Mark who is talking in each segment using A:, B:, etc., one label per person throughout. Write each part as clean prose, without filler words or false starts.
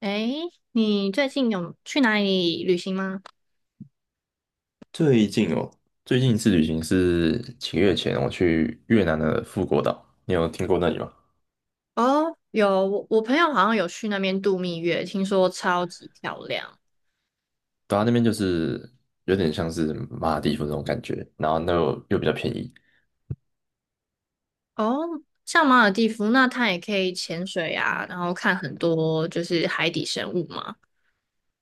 A: 诶，你最近有去哪里旅行吗？
B: 最近哦，最近一次旅行是几个月前，我去越南的富国岛，你有听过那里吗？
A: 哦，有，我朋友好像有去那边度蜜月，听说超级漂亮。
B: 对啊，那边就是有点像是马尔代夫那种感觉，然后那又比较便宜。
A: 哦，像马尔地夫，那它也可以潜水啊，然后看很多就是海底生物嘛。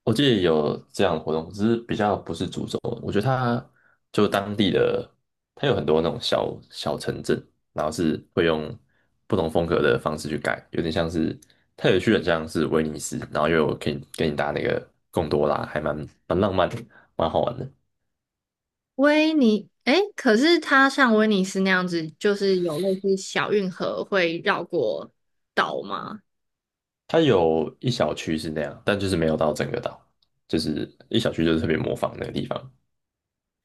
B: 我记得有这样的活动，只是比较不是主轴。我觉得它就当地的，它有很多那种小小城镇，然后是会用不同风格的方式去盖，有点像是它有去很像是威尼斯，然后又有可以给你搭那个贡多拉，还蛮浪漫的，蛮好玩的。
A: 诶，可是它像威尼斯那样子，就是有类似小运河会绕过岛吗？
B: 它有一小区是那样，但就是没有到整个岛，就是一小区就是特别模仿那个地方。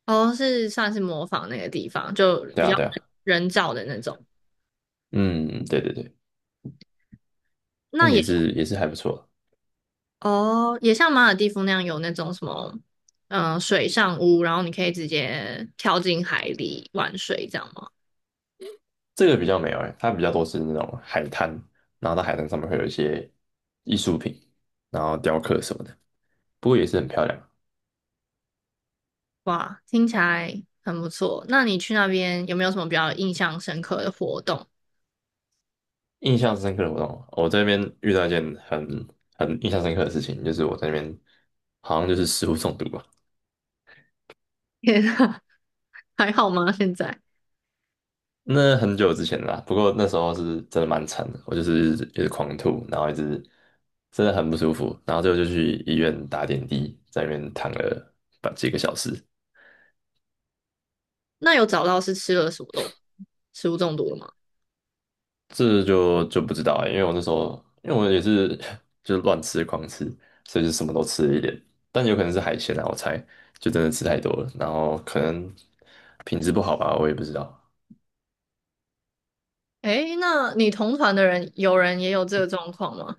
A: 哦，是算是模仿那个地方，就
B: 对
A: 比
B: 啊，
A: 较
B: 对啊，
A: 人造的那种。
B: 嗯，对对对，
A: 那
B: 但也
A: 也。
B: 是也是还不错。
A: 哦，也像马尔地夫那样有那种什么，水上屋，然后你可以直接跳进海里玩水，这样吗？
B: 这个比较没有哎、它比较多是那种海滩，然后到海滩上面会有一些艺术品，然后雕刻什么的，不过也是很漂亮。
A: 哇，听起来很不错。那你去那边有没有什么比较印象深刻的活动？
B: 印象深刻的活动，我这边遇到一件很印象深刻的事情，就是我在那边好像就是食物中毒吧，
A: 天啊，还好吗？现在？
B: 那很久之前了啦，不过那时候是真的蛮惨的，我就是一直狂吐，然后一直真的很不舒服，然后最后就去医院打点滴，在那边躺了把几个小时，
A: 那有找到是吃了什么食物中毒了吗？
B: 这就不知道、欸，因为我也是 就是乱吃狂吃，所以就什么都吃了一点，但有可能是海鲜啊，我猜就真的吃太多了，然后可能品质不好吧，我也不知道，
A: 诶，那你同团的人有人也有这个状况吗？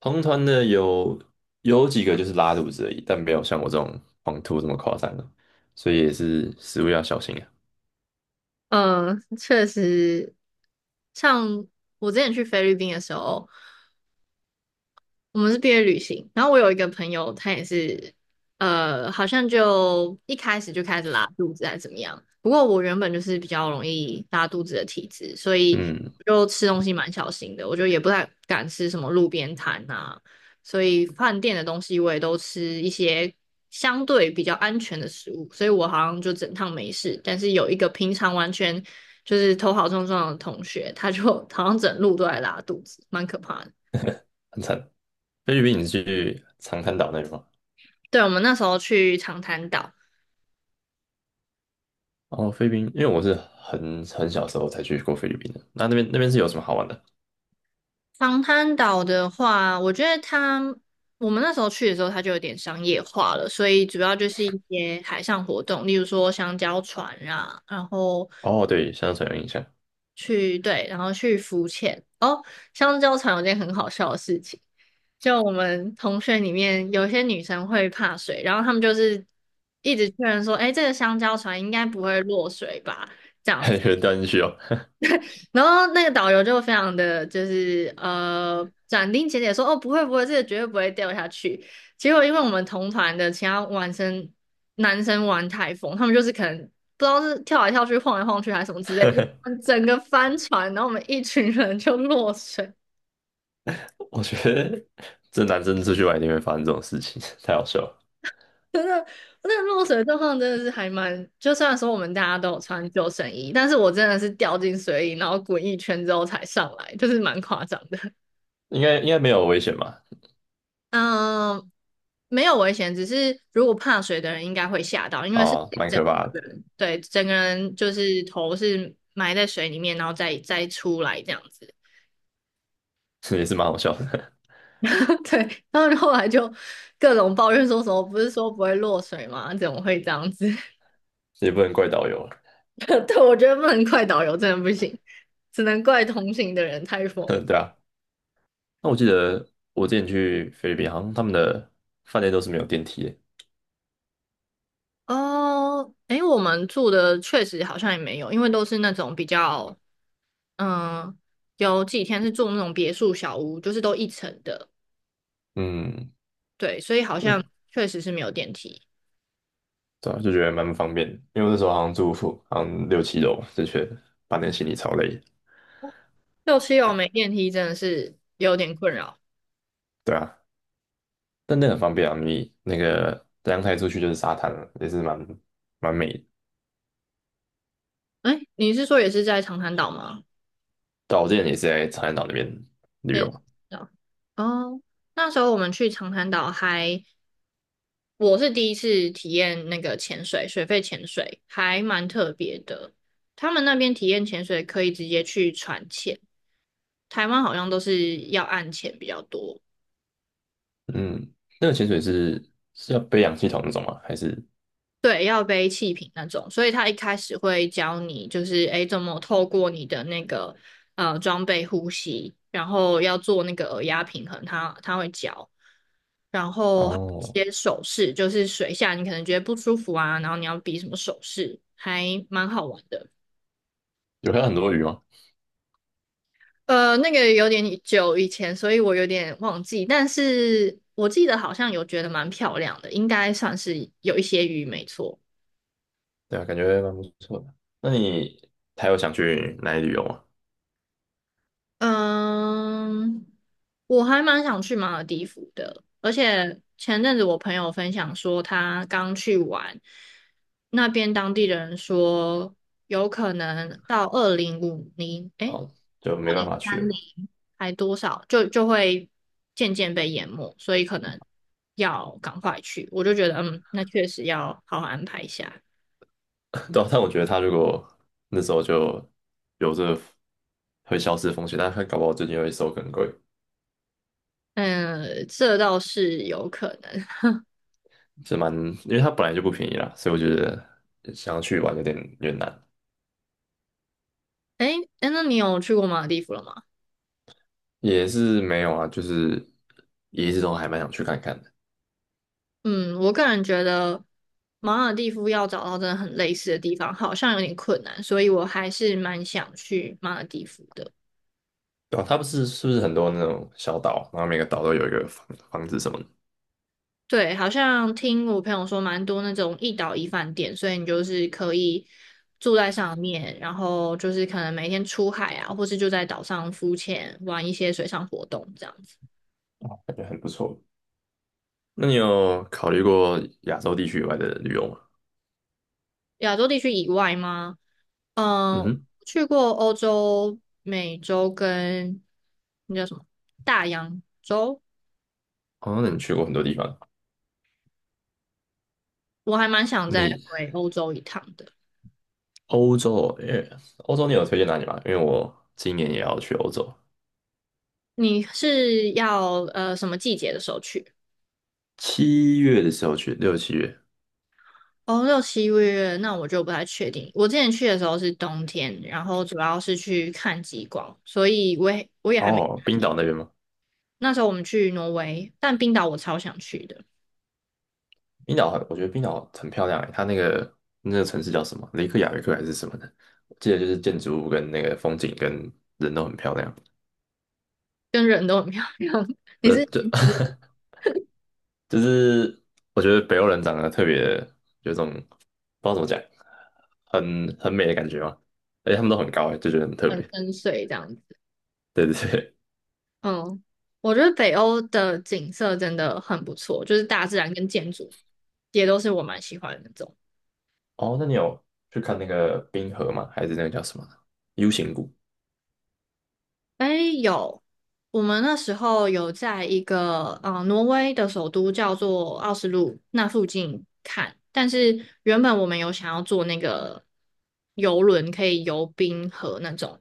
B: 同团的有几个就是拉肚子而已，但没有像我这种狂吐这么夸张的，所以也是食物要小心啊。
A: 嗯，确实，像我之前去菲律宾的时候。我们是毕业旅行，然后我有一个朋友，他也是，好像就一开始就开始拉肚子还是怎么样。不过我原本就是比较容易拉肚子的体质，所以
B: 嗯，
A: 就吃东西蛮小心的，我就也不太敢吃什么路边摊啊，所以饭店的东西我也都吃一些相对比较安全的食物，所以我好像就整趟没事。但是有一个平常完全就是头好壮壮的同学，他就 好像整路都在拉肚子，蛮可怕的。
B: 很惨。菲律宾你是去长滩岛那边吗？
A: 对，我们那时候去长滩岛。
B: 哦，菲律宾，因为我是很小时候才去过菲律宾的，那边是有什么好玩的？
A: 长滩岛的话，我觉得它，我们那时候去的时候，它就有点商业化了，所以主要就是一些海上活动，例如说香蕉船啊，然后
B: 哦，对，香水有印象，
A: 去，对，然后去浮潜。哦，香蕉船有件很好笑的事情，就我们同学里面有些女生会怕水，然后她们就是一直确认说，哎，这个香蕉船应该不会落水吧？
B: 有人掉进去哦。
A: 然后那个导游就非常的就是斩钉截铁说：“哦，不会不会，这个绝对不会掉下去。”结果因为我们同团的其他男生玩太疯，他们就是可能不知道是跳来跳去、晃来晃去还是什么之类的，整个翻船，然后我们一群人就落水。
B: 我觉得这男生出去玩一定会发生这种事情，太好笑了。
A: 真的，那个落水的状况真的是还蛮，就虽然说我们大家都有穿救生衣，但是我真的是掉进水里，然后滚一圈之后才上来，就是蛮夸张的。
B: 应该没有危险吧？
A: 嗯，没有危险，只是如果怕水的人应该会吓到，因为是
B: 啊，蛮
A: 整
B: 可怕的，
A: 个人，对，整个人就是头是埋在水里面，然后再出来这样子。
B: 也是蛮好笑的，
A: 对，然后后来就各种抱怨说什么，不是说不会落水吗？怎么会这样子？
B: 也不能怪导游了
A: 对，我觉得不能怪导游，真的不行，只能怪同行的人太疯。
B: 对啊，那我记得我之前去菲律宾，好像他们的饭店都是没有电梯的。
A: 哦，诶，我们住的确实好像也没有，因为都是那种比较嗯，有几天是住那种别墅小屋，就是都一层的，
B: 嗯
A: 对，所以好像
B: 嗯，
A: 确实是没有电梯。
B: 对啊，就觉得蛮不方便的，因为我那时候好像住宿，好像六七楼，就觉得搬点行李超累的
A: 六七楼没电梯真的是有点困扰。
B: 对啊，但那很方便啊，你那个阳台出去就是沙滩了，也是蛮美的。
A: 哎，你是说也是在长滩岛吗？
B: 对啊我之前也是在长滩岛那边旅
A: 也是长
B: 游。
A: 滩岛。哦，那时候我们去长滩岛还，我是第一次体验那个潜水，水肺潜水还蛮特别的。他们那边体验潜水可以直接去船潜，台湾好像都是要岸潜比较多。
B: 嗯，那个潜水是要背氧气筒那种吗？还是
A: 对，要背气瓶那种，所以他一开始会教你，就是诶怎么透过你的那个装备呼吸，然后要做那个耳压平衡，他会教，然后还有一
B: 哦，
A: 些手势，就是水下你可能觉得不舒服啊，然后你要比什么手势，还蛮好玩的。
B: 有看到很多鱼吗？
A: 那个有点久以前，所以我有点忘记，但是我记得好像有觉得蛮漂亮的，应该算是有一些鱼，没错。
B: 对啊，感觉蛮不错的。那你还有想去哪里旅游吗？
A: 嗯，我还蛮想去马尔地夫的，而且前阵子我朋友分享说，他刚去玩，那边当地人说，有可能到2050，诶，
B: 哦，就没办法去
A: 三
B: 了
A: 零
B: 嘛。
A: 还多少，就会渐渐被淹没，所以可能要赶快去。我就觉得，嗯，那确实要好好安排一下。
B: 对啊但我觉得他如果那时候就有这会消失的风险，但他搞不好最近会收更贵，
A: 嗯，这倒是有可能。
B: 是蛮，因为它本来就不便宜啦，所以我觉得想要去玩有点难，
A: 诶，诶，那你有去过马尔地夫了吗？
B: 也是没有啊，就是也一直都还蛮想去看看的。
A: 嗯，我个人觉得马尔蒂夫要找到真的很类似的地方，好像有点困难，所以我还是蛮想去马尔蒂夫的。
B: 对啊，它不是是不是很多那种小岛，然后每个岛都有一个房子什么的，
A: 对，好像听我朋友说，蛮多那种一岛一饭店，所以你就是可以住在上面，然后就是可能每天出海啊，或是就在岛上浮潜，玩一些水上活动这样子。
B: 感觉很不错。那你有考虑过亚洲地区以外的旅游吗？
A: 亚洲地区以外吗？
B: 嗯
A: 嗯，
B: 哼，
A: 去过欧洲、美洲跟那叫什么大洋洲。
B: 那你去过很多地方。
A: 我还蛮想再
B: 你
A: 回欧洲一趟的。
B: 欧洲，因为欧洲你有推荐哪里吗？因为我今年也要去欧洲，
A: 你是要什么季节的时候去？
B: 七月的时候去，六七月。
A: 哦，六七月，那我就不太确定。我之前去的时候是冬天，然后主要是去看极光，所以我也还没。
B: 哦，冰岛那边吗？
A: 那时候我们去挪威，但冰岛我超想去的，
B: 冰岛很，我觉得冰岛很漂亮诶，它那个城市叫什么？雷克雅未克还是什么的？我记得就是建筑物跟那个风景跟人都很漂亮。
A: 跟人都很漂亮，你
B: 呃，
A: 是
B: 就 就是我觉得北欧人长得特别有种不知道怎么讲，很美的感觉嘛，而且他们都很高诶，就觉得很特
A: 很
B: 别。
A: 深邃这样子。
B: 对对对，
A: 嗯，我觉得北欧的景色真的很不错，就是大自然跟建筑也都是我蛮喜欢的那种。
B: 哦，那你有去看那个冰河吗？还是那个叫什么 U 型谷？
A: 哎，有，我们那时候有在一个挪威的首都叫做奥斯陆那附近看，但是原本我们有想要坐那个游轮，可以游冰河那种，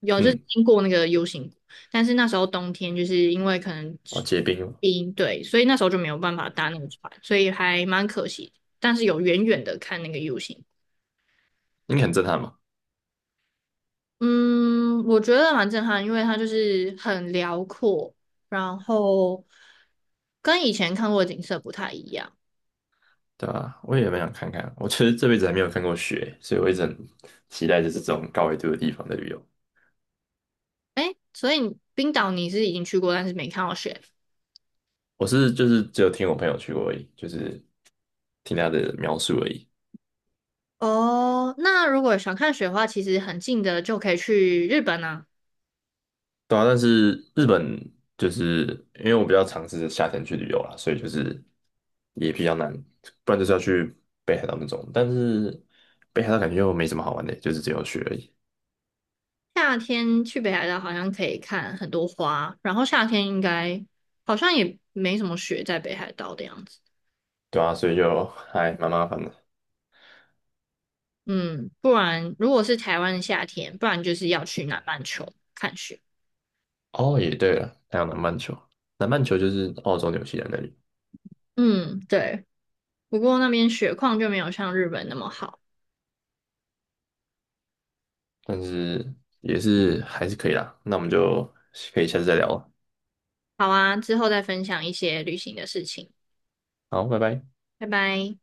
A: 有就是
B: 嗯，
A: 经过那个 U 型谷，但是那时候冬天就是因为可能
B: 哦，结冰了，
A: 冰，对，所以那时候就没有办法搭那个船，所以还蛮可惜。但是有远远的看那个 U 型。
B: 应该很震撼嘛，
A: 嗯，我觉得蛮震撼，因为它就是很辽阔，然后跟以前看过的景色不太一样。
B: 对吧？我也蛮想看看，我其实这辈子还没有看过雪，所以我一直很期待就是这种高纬度的地方的旅游。
A: 诶，所以你冰岛你是已经去过，但是没看到雪。
B: 我是就是只有听我朋友去过而已，就是听他的描述而已。
A: 哦，那如果想看雪的话，其实很近的就可以去日本啊。
B: 对啊，但是日本就是因为我比较尝试夏天去旅游啦，所以就是也比较难，不然就是要去北海道那种。但是北海道感觉又没什么好玩的，就是只有雪而已。
A: 夏天去北海道好像可以看很多花，然后夏天应该好像也没什么雪在北海道的样子。
B: 对啊，所以就还蛮麻烦的。
A: 嗯，不然如果是台湾的夏天，不然就是要去南半球看雪。
B: 哦，也对了，还有南半球，南半球就是澳洲、纽西兰那里，
A: 嗯，对。不过那边雪况就没有像日本那么好。
B: 但是也是还是可以啦。那我们就可以下次再聊了。
A: 好啊，之后再分享一些旅行的事情，
B: 好，拜拜。
A: 拜拜。